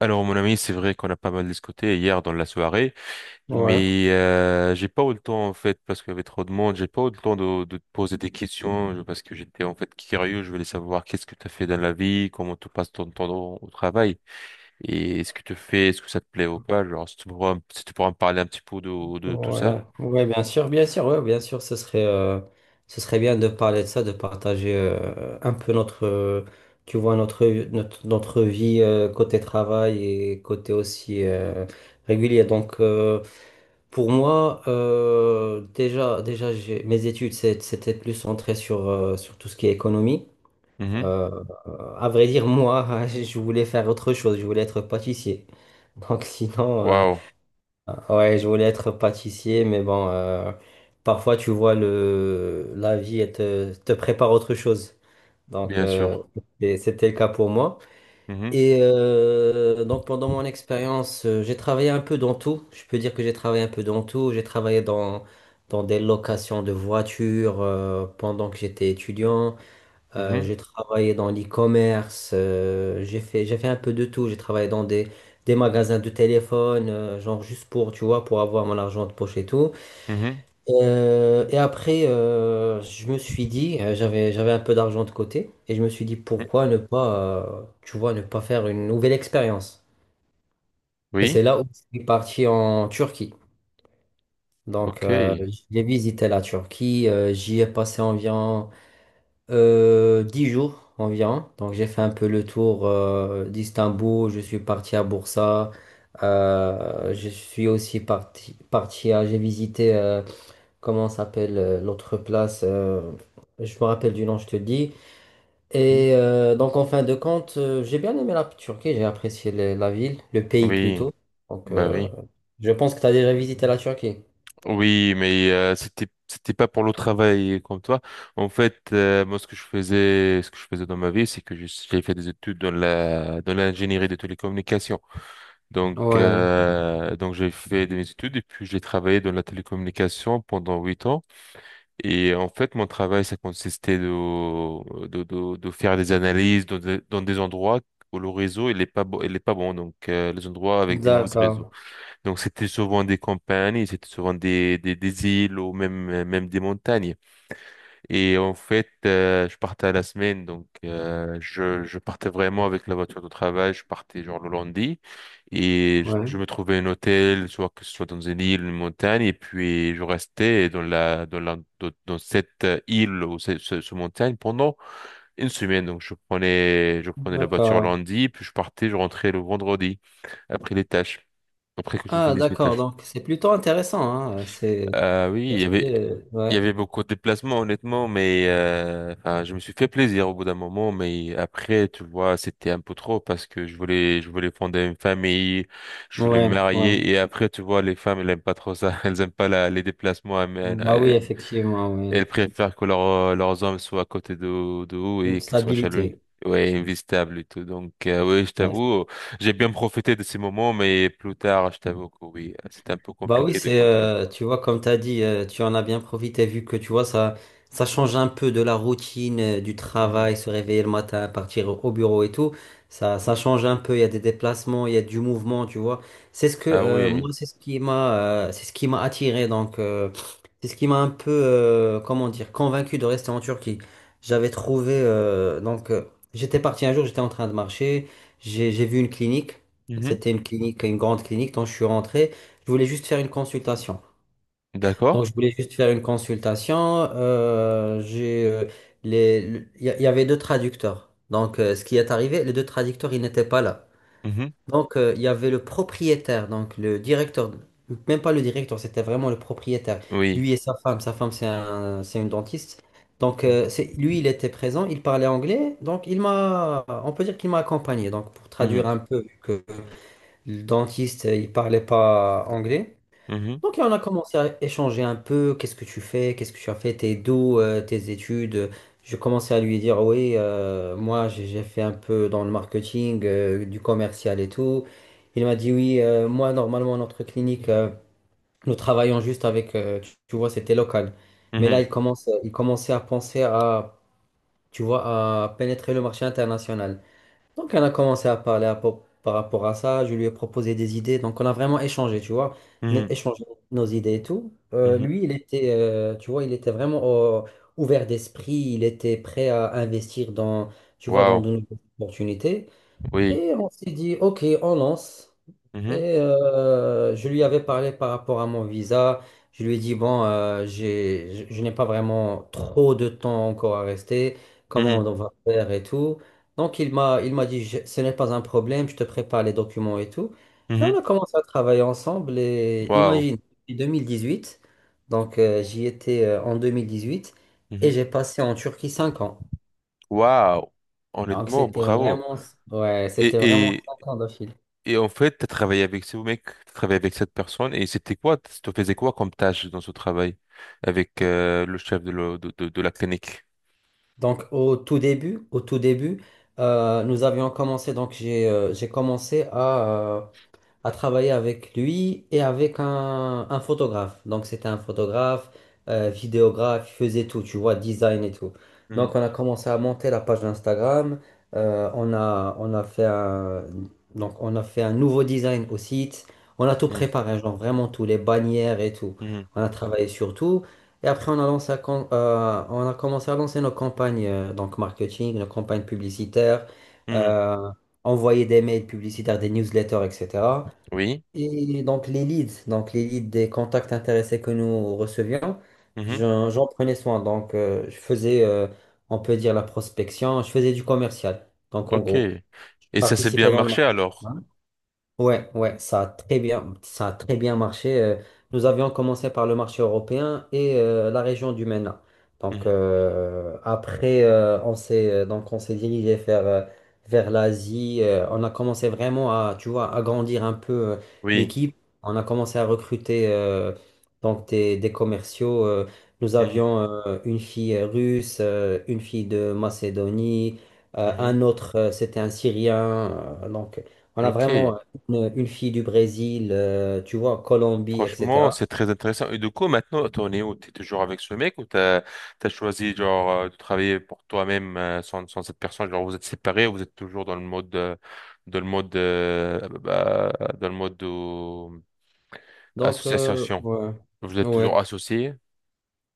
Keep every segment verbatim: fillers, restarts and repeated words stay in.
Alors mon ami, c'est vrai qu'on a pas mal discuté hier dans la soirée, Ouais, mais euh, j'ai pas eu le temps en fait parce qu'il y avait trop de monde, j'ai pas eu le temps de, de te poser des questions je- parce que j'étais en fait curieux, je voulais savoir qu'est-ce que tu as fait dans la vie, comment tu passes ton temps au, au travail et est-ce que tu fais, est-ce que ça te plaît ou pas, genre si tu pourras, si tu pourras me parler un petit peu de, de tout ça. ouais, ouais, bien sûr, bien sûr, ouais, bien sûr, ce serait, euh, ce serait bien de parler de ça, de partager euh, un peu notre, euh, tu vois, notre, notre, notre vie euh, côté travail et côté aussi euh, régulier. Donc, euh, pour moi, euh, déjà, déjà, j'ai- mes études, c'est- c'était plus centré sur, euh, sur tout ce qui est économie. Mhm. Euh, euh, à vrai dire, moi, je voulais faire autre chose, je voulais être pâtissier. Donc, sinon. euh, Waouh, Ouais, je voulais être pâtissier, mais bon, euh, parfois tu vois le la vie elle te, te prépare autre chose. Donc bien euh, sûr. et c'était le cas pour moi. Mhm. Et euh, donc pendant mon expérience, euh, j'ai travaillé un peu dans tout. Je peux dire que j'ai travaillé un peu dans tout. J'ai travaillé dans dans des locations de voitures, euh, pendant que j'étais étudiant. Euh, Mhm. J'ai travaillé dans l'e-commerce, euh, j'ai fait, j'ai fait un peu de tout. J'ai travaillé dans des, des magasins de téléphone, euh, genre juste pour, tu vois, pour avoir mon argent de poche et tout. Mhm. Euh, et après, euh, je me suis dit, euh, j'avais, j'avais un peu d'argent de côté, et je me suis dit, Mhm. pourquoi ne pas, euh, tu vois, ne pas faire une nouvelle expérience. Et Oui, c'est là où je suis parti en Turquie. Donc, ok. euh, j'ai visité la Turquie, euh, j'y ai passé environ Euh, dix jours environ. Donc j'ai fait un peu le tour, euh, d'Istanbul, je suis parti à Bursa, euh, je suis aussi parti, parti à, j'ai visité, euh, comment s'appelle, euh, l'autre place, euh, je me rappelle du nom, je te dis. Mhm. Et euh, donc en fin de compte, euh, j'ai bien aimé la Turquie, j'ai apprécié le- la ville, le pays Oui, plutôt. Donc bah euh, oui. je pense que tu as déjà visité la Turquie. Oui, mais euh, c'était c'était pas pour le travail comme toi. En fait, euh, moi ce que je faisais ce que je faisais dans ma vie, c'est que je- j'ai fait des études dans la dans l'ingénierie des télécommunications. Donc Ouais, euh, donc j'ai fait des études et puis j'ai travaillé dans la télécommunication pendant huit ans. Et en fait, mon travail ça consistait de de de, de faire des analyses dans des, dans des endroits où le réseau il est pas bon il est pas bon donc euh, les endroits avec des mauvais d'accord. réseaux. Donc c'était souvent des campagnes, c'était souvent des, des, des îles ou même, même des montagnes. Et en fait, euh, je partais à la semaine, donc euh, je, je partais vraiment avec la voiture de travail, je partais genre le lundi et je, Ouais. je me trouvais un hôtel, soit que ce soit dans une île, une montagne, et puis je restais dans la, dans la, dans, dans cette île ou ce, ce, ce montagne pendant une semaine. Donc je prenais, je prenais la voiture D'accord. lundi, puis je partais, je rentrais le vendredi après les tâches, après que je Ah, finisse mes d'accord, tâches. donc c'est plutôt intéressant, hein. euh, C'est. Euh, oui, il y avait, Euh, il y Ouais, avait beaucoup de déplacements, honnêtement, mais euh, enfin, je me suis fait plaisir au bout d'un moment, mais après, tu vois, c'était un peu trop parce que je voulais, je voulais fonder une famille, je voulais me ouais, ouais. marier, et après, tu vois, les femmes, elles aiment pas trop ça, elles aiment pas la, les déplacements, elles, Bah oui, elles- effectivement, oui. elles préfèrent que leur- leurs hommes soient à côté de, de eux Une et qu'ils soient chez lui. stabilité. Ouais, investable et tout. Donc, euh, oui, je Ouais, t'avoue, j'ai bien profité de ces moments, mais plus tard, je t'avoue que oui, c'était un peu Bah oui, compliqué de c'est, continuer. euh, tu vois, comme tu as dit, euh, tu en as bien profité, vu que tu vois, ça ça change un peu de la routine, euh, du Mhm. travail, se réveiller le matin, partir au au bureau et tout. Ça ça change un peu, il y a des déplacements, il y a du mouvement, tu vois. C'est ce que Ah euh, oui. Moi, c'est ce qui m'a euh, c'est ce qui m'a attiré, donc, euh, c'est ce qui m'a un peu, euh, comment dire, convaincu de rester en Turquie. J'avais trouvé euh, donc euh, J'étais parti un jour, j'étais en train de marcher, j'ai j'ai vu une clinique. Mhm. C'était une clinique, une grande clinique, donc je suis rentré. Je voulais juste faire une consultation. D'accord. Donc, je voulais juste faire une consultation. euh, j'ai, euh, les, le- il y, a- il y avait deux traducteurs. Donc, euh, ce qui est arrivé, les deux traducteurs, ils n'étaient pas là. Mhm. Donc, euh, il y avait le propriétaire, donc le directeur, même pas le directeur, c'était vraiment le propriétaire. Oui. Lui et sa femme. Sa femme, c'est un, c'est une dentiste. Donc, euh, c'est, lui, il était présent, il parlait anglais. Donc, il m'a, on peut dire qu'il m'a accompagné. Donc, pour traduire Mhm. un peu, vu que le dentiste, il parlait pas anglais. Mhm. Donc on a commencé à échanger un peu, qu'est-ce que tu fais, qu'est-ce que tu as fait, tes d'où, euh, tes études. Je commençais à lui dire, oui, euh, moi j'ai j'ai fait un peu dans le marketing, euh, du commercial et tout. Il m'a dit, oui, euh, moi normalement notre clinique, euh, nous travaillons juste avec, euh, tu, tu vois, c'était local. Mais là, Mhm. il commence, il commençait à penser à, tu vois, à pénétrer le marché international. Donc, on a commencé à parler à po- par rapport à ça. Je lui ai proposé des idées. Donc, on a vraiment échangé, tu vois, né- Mhm. échangé nos idées et tout. Euh, Mhm. Lui, il était, euh, tu vois, il était vraiment, euh, ouvert d'esprit. Il était prêt à investir dans, tu vois, dans Waouh. de nouvelles opportunités. Oui. Et on s'est dit, OK, on lance. Mhm. Et euh, je lui avais parlé par rapport à mon visa. Je lui ai dit, bon, euh, j'ai, je, je n'ai pas vraiment trop de temps encore à rester. Comment Mhm. on va faire et tout. Donc, il m'a, il m'a dit, Je- ce n'est pas un problème, je te prépare les documents et tout. Et on Mhm. a commencé à travailler ensemble. Et Waouh. imagine, depuis deux mille dix-huit, donc euh, j'y étais, euh, en deux mille dix-huit, et Mhm. j'ai passé en Turquie cinq ans. Waouh. Donc, Honnêtement, c'était bravo. vraiment, ouais, Et, c'était vraiment et, cinq ans de... et en fait, tu as travaillé avec ce mec, tu travaillé avec cette personne, et c'était quoi? Tu te faisais quoi comme tâche dans ce travail avec euh, le chef de, le- de, de, de la clinique? Donc au tout début, au tout début, euh, nous avions commencé, donc j'ai euh, j'ai commencé à, euh, à travailler avec lui et avec un, un photographe. Donc c'était un photographe, euh, vidéographe, il faisait tout, tu vois, design et tout. Donc Mhm. on a commencé à monter la page d'Instagram, euh, on a, on a fait un, donc on a fait un nouveau design au site, on a tout préparé, genre vraiment tout, les bannières et tout. Mhm. On a travaillé sur tout. Et après, on a lancé, à com- euh, on a commencé à lancer nos campagnes, euh, donc marketing, nos campagnes publicitaires, Mhm. Mhm. euh, envoyer des mails publicitaires, des newsletters, et cetera. Oui. Et donc les leads, donc les leads des contacts intéressés que nous recevions, Mhm. j'en j'en prenais soin. Donc euh, je faisais, euh, on peut dire, la prospection, je faisais du commercial. Donc en Ok. gros, je Et ça s'est bien participais dans le marché marketing. alors? Ouais, ouais, ça a très bien, ça a très bien marché. Euh, Nous avions commencé par le marché européen et, euh, la région du MENA. Donc Mhm. Euh, après, euh, on s'est euh, donc on s'est dirigé vers euh, vers l'Asie. Euh, on a commencé vraiment à, tu vois, agrandir un peu, euh, Oui. l'équipe. On a commencé à recruter, euh, donc des, des commerciaux. Euh, nous avions, euh, une fille, euh, russe, euh, une fille de Macédonie, euh, Mhm. un autre, euh, c'était un Syrien. Euh, donc on a Ok, vraiment une, une fille du Brésil, euh, tu vois, Colombie, franchement, et cetera. c'est très intéressant. Et du coup, maintenant, t'en es où? T'es toujours avec ce mec ou t'as t'as choisi genre euh, de travailler pour toi-même euh, sans, sans cette personne? Genre, vous êtes séparés ou vous êtes toujours dans le mode euh, dans le mode euh, ah, bah, bah, dans le mode euh, Donc, euh, association? ouais. Vous êtes Ouais. toujours associés?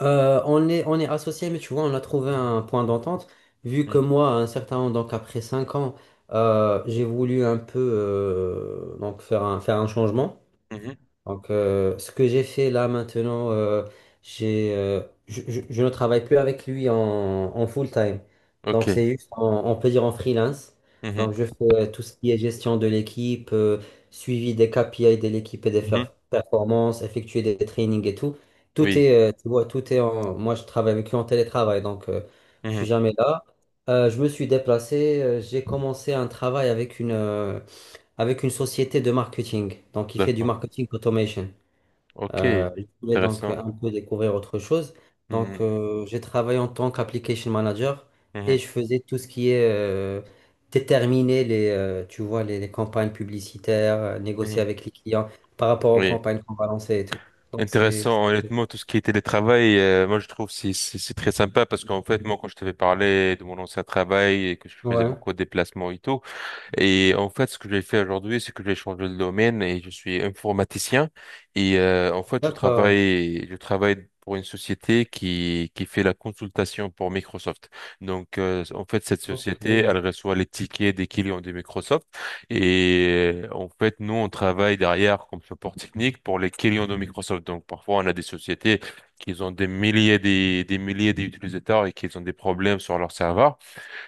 Euh, on est, on est associés, mais tu vois, on a trouvé un point d'entente. Vu que Mhm. moi, à un certain moment, donc après cinq ans, euh, j'ai voulu un peu, euh, donc faire un, faire un changement. Mhm. Donc, euh, ce que j'ai fait là maintenant, euh, j'ai, euh, je, je- je ne travaille plus avec lui en, en full-time. Donc, Ok. c'est juste, en- on peut dire en freelance. Mhm. Donc, je fais, euh, tout ce qui est gestion de l'équipe, euh, suivi des K P I de l'équipe et des Mhm. fer- performances, effectuer des trainings et tout. Tout Oui. est, euh, tu vois, tout est en. Moi, je travaille avec lui en télétravail, donc, euh, je suis Mhm. jamais là. Euh, je me suis déplacé, euh, j'ai commencé un travail avec une, euh, avec une société de marketing. Donc, il fait du D'accord. marketing automation. Ok, Euh, je voulais donc intéressant. un peu découvrir autre chose. Mhm. Donc, euh, j'ai travaillé en tant qu'application manager et Mhm. je faisais tout ce qui est, euh, déterminer les, euh, tu vois, les, les campagnes publicitaires, euh, négocier Mhm. avec les clients par rapport aux Oui. campagnes qu'on va lancer et tout. Donc, c'est... Intéressant, honnêtement, tout ce qui est télétravail, euh, moi je trouve c'est c'est c'est très sympa parce qu'en fait, moi quand je t'avais parlé de mon ancien travail et que je faisais Ouais, beaucoup de déplacements et tout, et en fait, ce que j'ai fait aujourd'hui, c'est que j'ai changé de domaine et je suis informaticien. Et euh, en fait, je d'accord. travaille, je travaille pour une société qui qui fait la consultation pour Microsoft. Donc, euh, en fait, cette Ok. société, Ouais. elle reçoit les tickets des clients de Microsoft. Et euh, en fait, nous, on travaille derrière comme support technique pour les clients de Microsoft. Donc, parfois, on a des sociétés qui ont des milliers des des milliers d'utilisateurs et qui ont des problèmes sur leur serveur.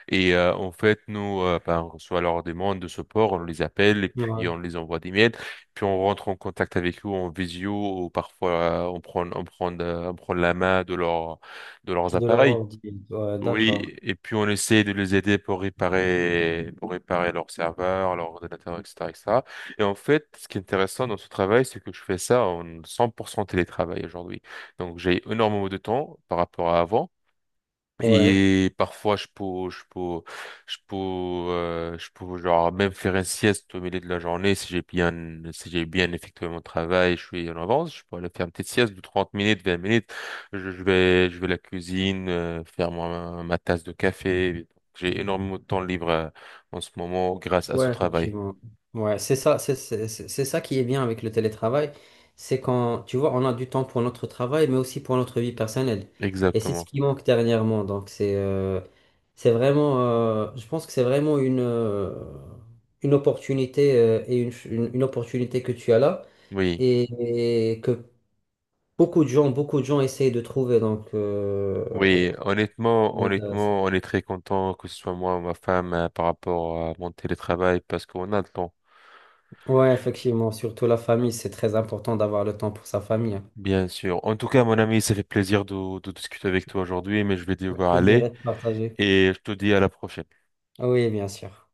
Et euh, en fait, nous, euh, ben, on reçoit leurs demandes de support, on les appelle et puis on les envoie des mails. Puis on rentre en contact avec eux en visio ou parfois euh, on prend, on prend, euh, on prend la main de leur, de leurs De appareils. leur. Ouais, d'accord. Oui, et puis on essaie de les aider pour réparer, pour réparer leur serveur, leur ordinateur, etc., etc. Et cetera. Et en fait, ce qui est intéressant dans ce travail, c'est que je fais ça en cent pour cent télétravail aujourd'hui. Donc j'ai énormément de temps par rapport à avant. Ouais. Et parfois, je peux, je peux, je peux, euh, je peux, genre, même faire une sieste au milieu de la journée si j'ai bien, si j'ai bien effectué mon travail, je suis en avance, je peux aller faire une petite sieste de trente minutes, vingt minutes. Je, je vais, je vais à la cuisine, euh, faire ma, ma tasse de café. J'ai énormément de temps libre, euh, en ce moment grâce à ce Ouais, travail. effectivement. Ouais, c'est ça, c'est c'est- c'est- c'est ça qui est bien avec le télétravail. C'est quand, tu vois, on a du temps pour notre travail, mais aussi pour notre vie personnelle. Et c'est ce Exactement. qui manque dernièrement. Donc, c'est euh, c'est vraiment, euh, je pense que c'est vraiment une, euh, une opportunité, euh, et une, ch- une, une opportunité que tu as là, Oui. et, et que beaucoup de gens, beaucoup de gens essayent de trouver. Donc, euh, Oui, honnêtement, c'est intéressant. honnêtement, on est très content que ce soit moi ou ma femme euh, par rapport à mon télétravail parce qu'on a le temps. Ouais, effectivement, surtout la famille, c'est très important d'avoir le temps pour sa famille. Bien sûr. En tout cas, mon ami, ça fait plaisir de, de discuter avec toi aujourd'hui, mais je vais Le devoir plaisir aller est partagé. et je te dis à la prochaine. Ah Oui, bien sûr.